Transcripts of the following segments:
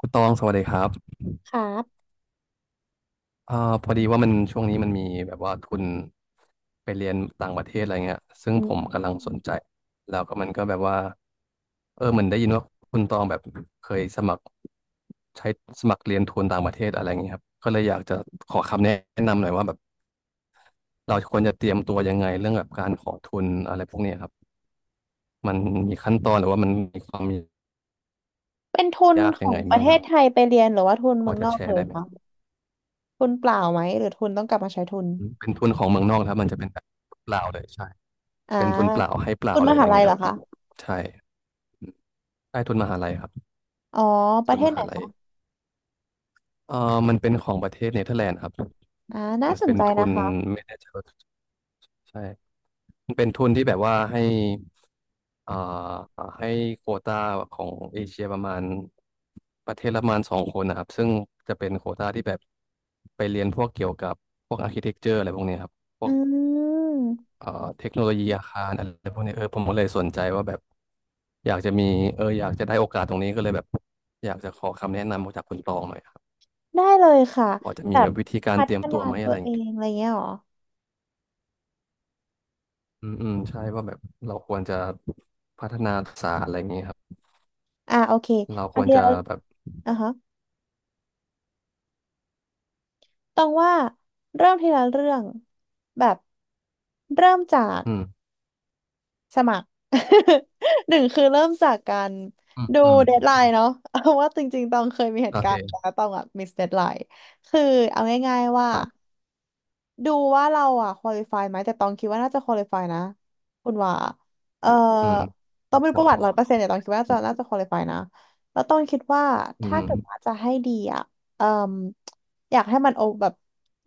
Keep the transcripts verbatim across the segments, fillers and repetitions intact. คุณตองสวัสดีครับครับอ่าพอดีว่ามันช่วงนี้มันมีแบบว่าทุนไปเรียนต่างประเทศอะไรเงี้ยซึ่งอืผมมกำลังสนใจแล้วก็มันก็แบบว่า เออเหมือนได้ยินว่าคุณตองแบบเคยสมัครใช้สมัครเรียนทุนต่างประเทศอะไรเงี้ยครับ ก็เลยอยากจะขอคำแนะนำหน่อยว่าแบบเราควรจะเตรียมตัวยังไงเรื่องแบบการขอทุนอะไรพวกเนี้ยครับมันมีขั้นตอนหรือว่ามันมีความเป็นทุนยากขยัองงไงประบ้างเทคศรับไทยไปเรียนหรือว่าทุนพเมือองนจะอแชกเลร์ยได้ไหมคะทุนเปล่าไหมหรือทุนต้องกลับมาใช้ทุนเป็นทุนของเมืองนอกนะครับมันจะเป็นแบบเปลาวเลยใช่ อ่าเป็นทุนเปล่าให้เปล่าทุนเลมยอะหาไรลัยเงี้ยเหรคอรับคะใช่ใช่ทุนมหาลัยครับอ๋อปทุระเทนมศไหนหาลัยคะเอ่อมันเป็นของประเทศเนเธอร์แลนด์ครับอ่าน่าเหมือนสนเป็นใจทุนะนคะไม่แน่ใจว่าใช่มันเป็นทุนที่แบบว่าให้เอ่อให้โควตาของเอเชียประมาณประเทศละประมาณสองคนนะครับซึ่งจะเป็นโควตาที่แบบไปเรียนพวกเกี่ยวกับพวกอาร์คิเทคเจอร์อะไรพวกเนี้ยครับ อืมเอ่อเทคโนโลยีอาคารอะไรพวกนี้เออผมก็เลยสนใจว่าแบบอยากจะมีเอออยากจะได้โอกาสตรงนี้ก็เลยแบบอยากจะขอคำแนะนำจากคุณตองหน่อยครับได้เลยค่ะพอจะแบมีบวิธีการพัเตฒรียมนาตัวไหมตัอะวไรอเอย่างเงี้งยอะไรเงี้ยเหรออืมอืมใช่ว่าแบบเราควรจะพัฒนาทักษะอะไรอย่างเงี้ยครับ อ่าโอเคเราคอันวรเดียจะวแบบอ่ะฮะต้องว่าเริ่มทีละเรื่องแบบเริ่มจาก อืมสมัคร หนึ่งคือเริ่มจากการอืมดูอืมเดดไลน์เนาะ เอาว่าจริงๆตองเคยมีเหโอตุการณ์เคแล้วตองอะมิสเดดไลน์คือเอาง่ายๆว่า ครับดูว่าเราอ่ะควอลิฟายไหมแต่ตองคิดว่าน่าจะควอลิฟายนะคุณว่าเอ่ออืมตคองรับไม่พรู้อประวัติร้อยเปอร์เซ็นต์แต่ตองคิดว่าน่าอืจะมน่าจะควอลิฟายนะแล้วตองคิดว่าอืถ้ามเกิดว่าจะให้ดีอ่ะเอ่มอยากให้มันโอแบบ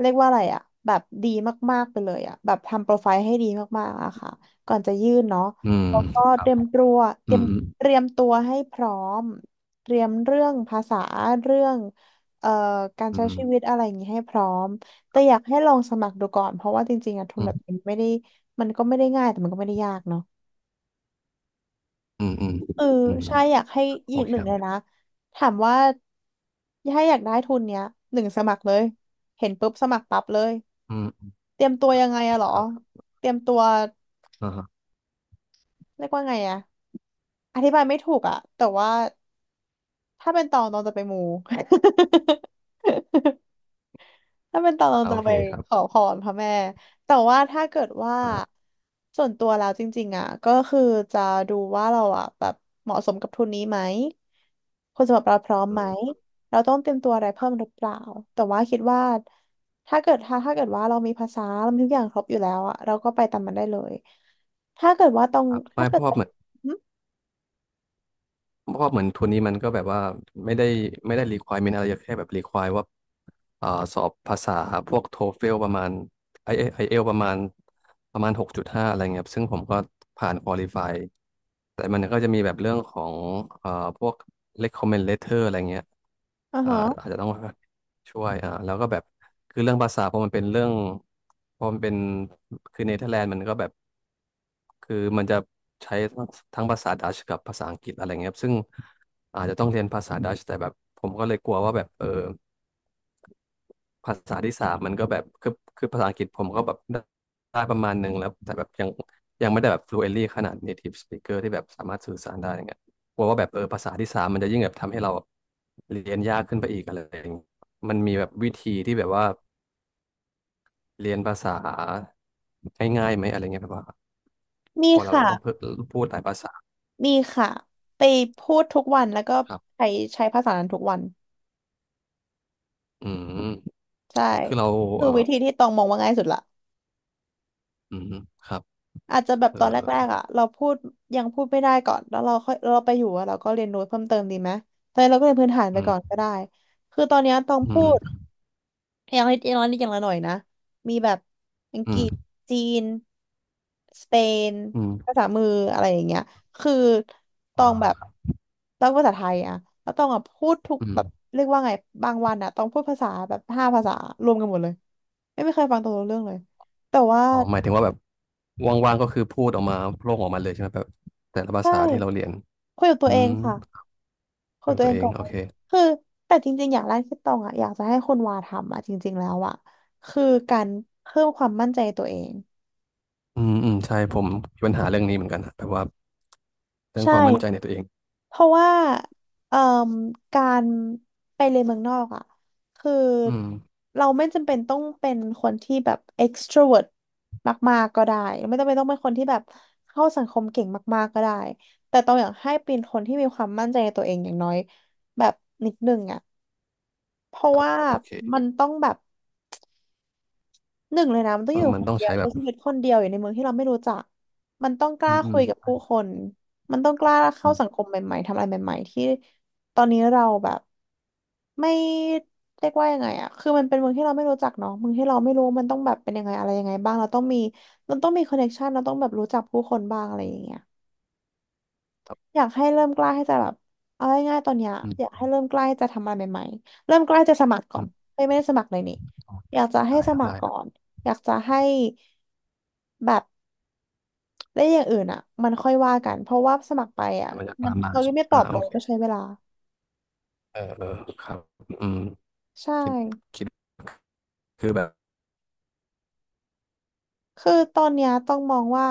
เรียกว่าอะไรอ่ะแบบดีมากๆไปเลยอ่ะแบบทำโปรไฟล์ให้ดีมากๆอะค่ะก่อนจะยื่นเนาะอืมแล้วก็ครัเตบรียมตัวเตอืรียมมอเตรียมตัวให้พร้อมเตรียมเรื่องภาษาเรื่องเอ่อการืใช้ชีวิมตอะไรอย่างนี้ให้พร้อม แต่อยากให้ลองสมัครดูก่อนเพราะว่าจริงๆอะทุนอืแบบมนี้ไม่ได้มันก็ไม่ได้ง่ายแต่มันก็ไม่ได้ยากเนาะอืมอืมเอออืมใช่อยากให้โออีกเคหนึ่คงรัเลยบนะถามว่าถ้าอยากได้ทุนเนี้ยหนึ่งสมัครเลยเห็นปุ๊บสมัครปั๊บเลยอืมเตรียมตัวยังไงอะเหรอครับเตรียมตัวอ่าฮะเรียกว่าไงอะอธิบายไม่ถูกอะแต่ว่าถ้าเป็นตองตองจะไปมู ถ้าเป็นตอนอ่าเราจะโอเคไปครัขอบพรพระแม่แต่ว่าถ้าเกิดว่าอ่า ส่วนตัวแล้วจริงๆอ่ะก็คือจะดูว่าเราอ่ะแบบเหมาะสมกับทุนนี้ไหมคนสำหรับเราพร้อมอืไหมมเราต้องเตรียมตัวอะไรเพิ่มหรือเปล่าแต่ว่าคิดว่าถ้าเกิดถ้าถ้าเกิดว่าเรามีภาษาเรามีทุกอย่างครบอยู่แล้วอ่ะเราก็ไปตามมันได้เลยถ้าเกิดว่าตรงครับถ้าไม่เพเกิดราะว่าว่าเหมือนอืเพราะว่าเหมือนทุนนี้มันก็แบบว่าไม่ได้ไม่ได้ requirement อะไรแค่แบบ require ว่าอ่าสอบภาษาพวกโทเฟลประมาณไออเอลประมาณประมาณหกจุดห้าอะไรเงี้ยครับซึ่งผมก็ผ่าน qualify แต่มันก็จะมีแบบเรื่องของอ่าพวก recommend letter อะไรเงี้ยอ่าอ่าฮะอาจจะต้อง ช่วยอ่าแล้วก็แบบคือเรื่องภาษาพอมันเป็นเรื่องพอมันเป็นคือเนเธอร์แลนด์มันก็แบบคือมันจะใช้ทั้งทั้งภาษาดัชกับภาษาอังกฤษอะไรเงี้ยครับซึ่งอาจจะต้องเรียนภาษาดัชแต่แบบผมก็เลยกลัวว่าแบบเออ ภาษาที่สามมันก็แบบคือคือภาษาอังกฤษผมก็แบบได้ได้ประมาณหนึ่งแล้วแต่แบบยังยังไม่ได้แบบ fluently ขนาด native speaker ที่แบบสามารถสื่อสารได้อย่างเงี้ยกลัวว่าแบบเออภาษาที่สามมันจะยิ่งแบบทำให้เราแบบเรียนยากขึ้นไปอีกอะไรอย่างเงี้ยมันมีแบบวิธีที่แบบว่าเรียนภาษาง่ายๆไหมอะไรเงี้ยแบบว่ามีพอเราค่ะต้องเพูดพูดหลายภาษามีค่ะไปพูดทุกวันแล้วก็ครับใช้ใช้ภาษานั้นทุกวัน อืมใช่คือเราคืเอออวิธีที่ตองมองว่าง่ายสุดละอืมครับอาจจะแบบเออตอนแรกๆอ่ะเราพูดยังพูดไม่ได้ก่อนแล้วเราค่อยเราไปอยู่อะเราก็เรียนรู้เพิ่มเติมดีไหมตอนนี้เราก็เรียนพื้นฐานไปอืก่อนก็มได้คือตอนเนี้ยตองอืพูมด อย่างน้อยอย่างน้อยอย่างละหน่อยนะมีแบบอังกอืฤษมจีนสเปนอืภามษามืออะไรอย่างเงี้ยคือตอ่องแบบาต้องภาษาไทยอะแล้วตองอะพูดทุกอืแบบม เรียกว่าไงบางวันอะต้องพูดภาษาแบบห้าภาษารวมกันหมดเลยไม่ไม่เคยฟังตองรู้เรื่องเลยแต่ว่าอ๋อหมายถึงว่าแบบว่างๆก็คือพูดออกมาโพร่งออกมาเลยใช่ไหมแบบแต่ละภาใช่ษาที่เราเรียนคุยกับตัอืวเอมงค่ะคุยกัเกี่บยวกัตับวตัเอวงเอก่งอนโอเลยเคคือแต่จริงๆอย่างแรกที่ตองอะอยากจะให้คนวาทำอะจริงๆแล้วอะคือการเพิ่มความมั่นใจตัวเองอืมอืมใช่ผมมีปัญหาเรื่องนี้เหมือนกันนะแบบว่าเรื่องใช่ ความมั่นใจในตัวเองเพราะว่าเอ่มการไปเรียนเมืองนอกอ่ะคืออืมเราไม่จำเป็นต้องเป็นคนที่แบบ extrovert มากๆก็ได้ไม่จำเป็นต้องเป็นคนที่แบบเข้าสังคมเก่งมากๆก็ได้แต่ต้องอยากให้เป็นคนที่มีความมั่นใจในตัวเองอย่างน้อยแบบนิดนึงอ่ะเพราะครับว่าโอมัเคนต้องแบบ หนึ่งเลยนะมันต้อเองออยู่มันคนต้องเดียวใช้แบใช้บชีวิตคนเดียวอยู่ในเมืองที่เราไม่รู้จักมันต้องกอืล้ามอืคุมยกับผู้คนมันต้องกล้าอืเข้ามสังคมใหม่ๆทำอะไรใหม่ๆที่ตอนนี้เราแบบไม่เรียกว่ายังไงอะคือมันเป็นเมืองที่เราไม่รู้จักเนาะเมืองที่เราไม่รู้ว่ามันต้องแบบเป็นยังไงอะไรยังไงบ้างเราต้องมีเราต้องมีคอนเนคชันเราต้องแบบรู้จักผู้คนบ้างอะไรอย่างเงี้ยครัอบยากให้เริ่มกล้าให้จะแบบเอาง่ายๆตอนเนี้ยอือยามกให้เริ่มกล้าให้จะทำอะไรใหม่ๆเริ่มกล้าจะสมัครก่ออืนมเฮ้ยไม่ได้สมัครเลยนี่อ๋ออยากจะให้ได้สมัครก่อได้นอยากจะให้ แบบได้อย่างอื่นอ่ะมันค่อยว่ากันเพราะว่าสมัครไปอ่ะแต่มันจะมัตานมมาเขายัใช่งไหมไม่ตอ่าอบโอเลยเคก็ใช้เวลาเออเออครับอืมใช่คิดคิดคือแบบคือตอนเนี้ยต้องมองว่า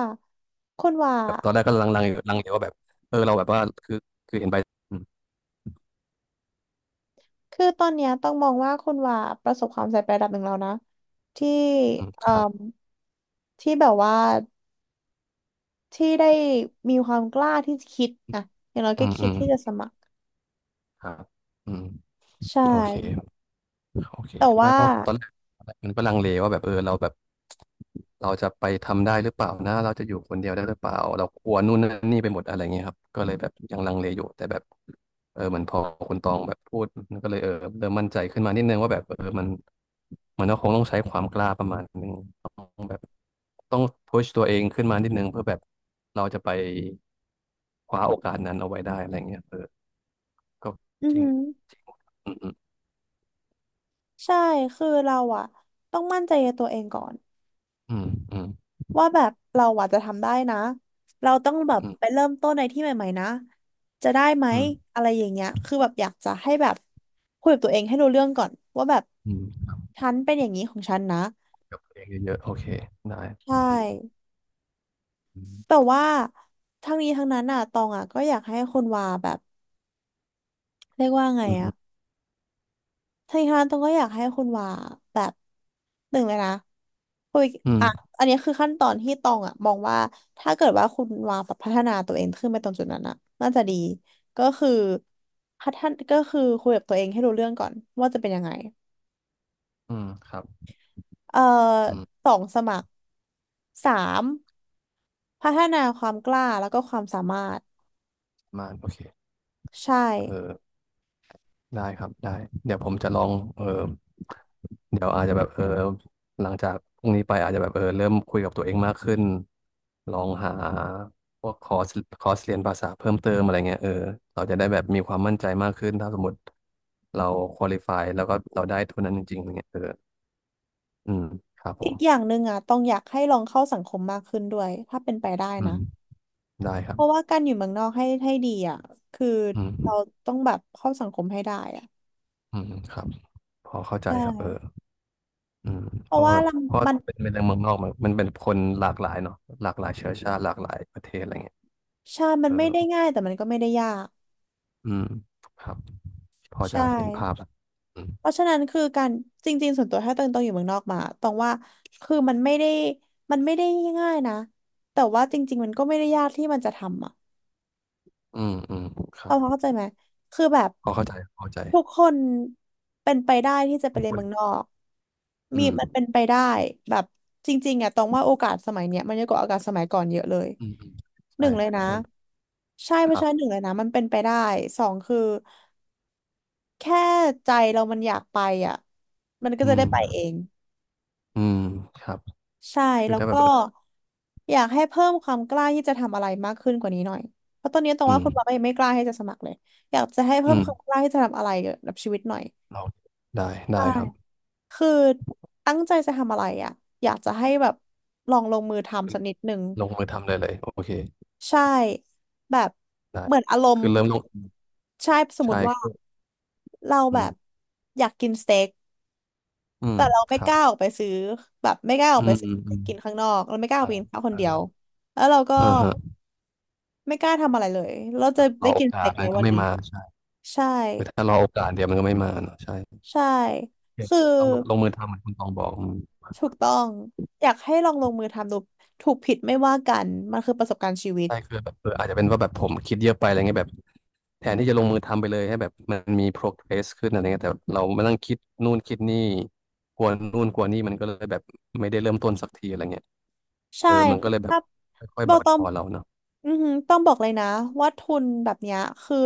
คุณว่าแบบตอนแรกก็ลังๆอยู่ลังเลว่าแบบเออเราแบบว่าคือคือเห็นใบอืมคือตอนเนี้ยต้องมองว่าคุณว่าประสบความสำเร็จไประดับหนึ่งแล้วนะที่อืมคเอ่รับมที่แบบว่าที่ได้มีความกล้าที่จะคิดอ่ะอย่างน้อยอืก็มคิอืดมที่จะสมัครครับอืมใช่โอเค โอเคแต่ไม่ว่าเพราะตอนแรกมันก็ลังเลว่าแบบเออเราแบบเราจะไปทำได้หรือเปล่านะเราจะอยู่คนเดียวได้หรือเปล่าเรากลัวนู่นนั่นนี่ไปหมดอะไรเงี้ยครับก็เลยแบบยังลังเลอยู่แต่แบบเออเหมือนพอคุณตองแบบพูดมันก็เลยเออเริ่มมั่นใจขึ้นมานิดนึงว่าแบบเออมันมันก็คงต้องใช้ความกล้าประมาณนึงต้องแบบต้องพุชตัวเองขึ้นมานิดนึงเพื่อแบบเราจะไปคว้าโอกาสนั้นเอาไว้ได้อะไรเงี้ยเออก็อือจริหืงอจริงอืมใช่คือเราอะต้องมั่นใจในตัวเองก่อน อืมอืมว่าแบบเราอาจจะทำได้นะเราต้องแบบอืไปมเริ่มต้นในที่ใหม่ๆนะจะได้ไหมอืม อะไรอย่างเงี้ยคือแบบอยากจะให้แบบคุยกับตัวเองให้รู้เรื่องก่อนว่าแบบอืมฉันเป็นอย่างนี้ของฉันนะกับเพลงเยอะๆโอเคได้อืใช่มแต่ว่าทั้งนี้ทั้งนั้นอ่ะตองอ่ะก็อยากให้คุณวาแบบเรียกว่าไงอืมอือ่ะ มทางนี้ต้องก็อยากให้คุณว่าแบบหนึ่งเลยนะคุยอือ่ะมอันนี้คือขั้นตอนที่ตองอ่ะมองว่าถ้าเกิดว่าคุณว่าแบบพัฒนาตัวเองขึ้นไปตรงจุดนั้นอ่ะน่าจะดีก็คือพัฒนก็คือคุยกับตัวเองให้รู้เรื่องก่อนว่าจะเป็นยังไงอืมครับเอ่ออืมสองสมัครสามพัฒนาความกล้าแล้วก็ความสามารถมาโอเคใช่เออได้ครับได้เดี๋ยวผมจะลองเออเดี๋ยวอาจจะแบบเออหลังจากพรุ่งนี้ไปอาจจะแบบเออเริ่มคุยกับตัวเองมากขึ้น ลองหาพวกคอร์สคอร์สเรียนภาษาเพิ่มเติมอะไรเงี้ยเออเราจะได้แบบมีความมั่นใจมากขึ้น ถ้าสมมติเราควอลิฟายแล้วก็เราได้ทุนนั้นจริงๆอะไรเงี้ยเอออืมครับผอีกอย่ามงหนึ่งอ่ะต้องอยากให้ลองเข้าสังคมมากขึ้นด้วยถ้าเป็นไปได้อืนะ มได้ครัเพบราะว่าการอยู่เมืองนอกให้ให้ดีอ่ะ คืออืม เราต้องแบบเข้าสังคมให้ได้อ่ะอืมครับพอเข้าใจใชครับเออ่อืมเพเพราะราะว่าว่าแบบเราเพราะมันเป็นเป็นเรื่องเมืองนอกมันมันเป็นคนหลากหลายเนาะหลากหลายเชื้อชาติหลากหลายประเทศอะไรเงี้ยใช่มัเอนอไม่ได้ง่ายแต่มันก็ไม่ได้ยากอืมครับพอจะใช่เห็นภาพละอืมเพราะฉะนั้นคือการจริงๆส่วนตัวถ้าตองตองอยู่เมืองนอกมาตองว่า คือมันไม่ได้มันไม่ได้ง่ายนะแต่ว่าจริงๆมันก็ไม่ได้ยากที่มันจะทำอ่ะ อืมอืมครัเอาบเข้าใจไหมคือแบบพอเข้าใจพอเข้าใจทุกคนเป็นไปได้ที่จะไปทุกเรียคนนเมืองนอกอืมีมันมเป็นไปได้แบบจริงๆอ่ะตรงว่าโอกาสสมัยเนี้ยมันเยอะกว่าโอกาสสมัยก่อนเยอะเลยอืมอืมหใช่นึ่งเลยนะเออใช่เพคราะรัฉะนั้นหนึ่บงเลยนะมันเป็นไปได้สองคือแค่ใจเรามันอยากไปอ่ะมันก็อืจะมได้ไปเอง อืมครับใช่คือแล้วถ้าแบก็บเอออยากให้เพิ่มความกล้าที่จะทำอะไรมากขึ้นกว่านี้หน่อยเพราะตอนนี้ตรงอืว่ามคุณบอก็ยังไม่กล้าที่จะสมัครเลยอยากจะให้เพิ่อืมความมกล้าที่จะทำอะไรเกี่ยวกับชีวิตหน่อยเราได้ใช่ได้ครับคือตั้งใจจะทำอะไรอ่ะอยากจะให้แบบลองลงมือทำสักนิดหนึ่งลงมือทำเลยเลยโอเคใช่แบบได้เหมือนอารมคืณ์อเริ่มลงใช่สมมใช่ติว่าคือเราอืแบบมอยากกินสเต็กอืมแต่เราคไม่รักบล้าออกไปซื้อแบบไม่กล้าอออืกไปมซื้อือม กินข้างนอกเราไม่กล้าออเอ่ากไปกินข้าวคเอนอเดียวแล้วเราก็ อ่าฮะไม่กล้าทำอะไรเลยเราจะรได้อโอกินสกาเต็สกมัในนก็วันไม่นี้มาใช่ใช่คือถ้ารอโอกาสเดี๋ยวมันก็ไม่มาเนอะใช่ใช่โอเคคือต้องลงลงมือทำเหมือนคุณตองบอกอืมถูกต้องอยากให้ลองลงมือทำดูถูกผิดไม่ว่ากันมันคือประสบการณ์ชีวิตใช่คือแบบเอออาจจะเป็นว่าแบบผมคิดเยอะไปอะไรเงี้ยแบบแทนที่จะลงมือทำไปเลยให้แบบมันมี progress ขึ้นอะไรเงี้ยแต่เรามานั่งคิดนู่นคิดนี่กลัวนู่นกลัวนี่มันก็เลยแบบไม่ได้เริ่มต้นสักทีอะไรเงี้ยเอใช่อมันก็คือเลยแบบถ้าค่อยบๆอบั่กนทต้องอนเราเนาะอือหือต้องบอกเลยนะว่าทุนแบบเนี้ยคือ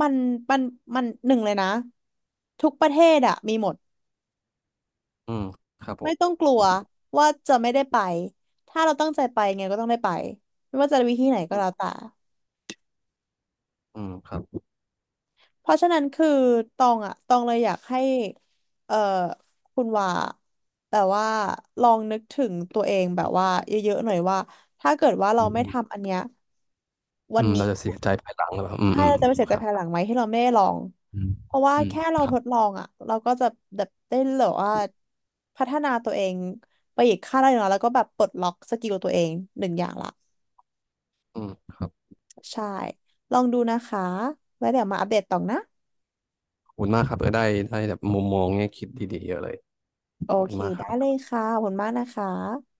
มันมันมันหนึ่งเลยนะทุกประเทศอะมีหมดอืมครับผไม่ต้องมกลัวว่าจะไม่ได้ไปถ้าเราตั้งใจไปไงก็ต้องได้ไปไม่ว่าจะวิธีไหนก็แล้วแต่ อืมอืมครับเพราะฉะนั้นคือตองอะตองเลยอยากให้เอ่อคุณว่าแบบว่าลองนึกถึงตัวเองแบอืบว่ามเยอะๆหน่อยว่าถ้าเกิดว่าเราอืไม่มทำอันเนี้ยวัอืนมเรานี้จะเสียใจภายหลังหรือเปล่าอืมใช่อืมเราจะไม่เสียคใจรับภายหลังไหมที่เราไม่ได้ลองอืมเพราะว่าอืมแค่เราครัทบ ดลองอะเราก็จะแบบได้แบบว่าพัฒนาตัวเองไปอีกขั้นระดับหนึ่งแล้วแล้วก็แบบปลดล็อกสกิลตัวเองหนึ่งอย่างละอืมครับใช่ลองดูนะคะไว้เดี๋ยวมาอัปเดตต่อนะขอบคุณมากครับเออได้ได้แบบมุมมองแง่คิดดีๆเยอะเลยโอขอบคุเคณมากคได้รับเลยค่ะขอบคุณมากนะคะ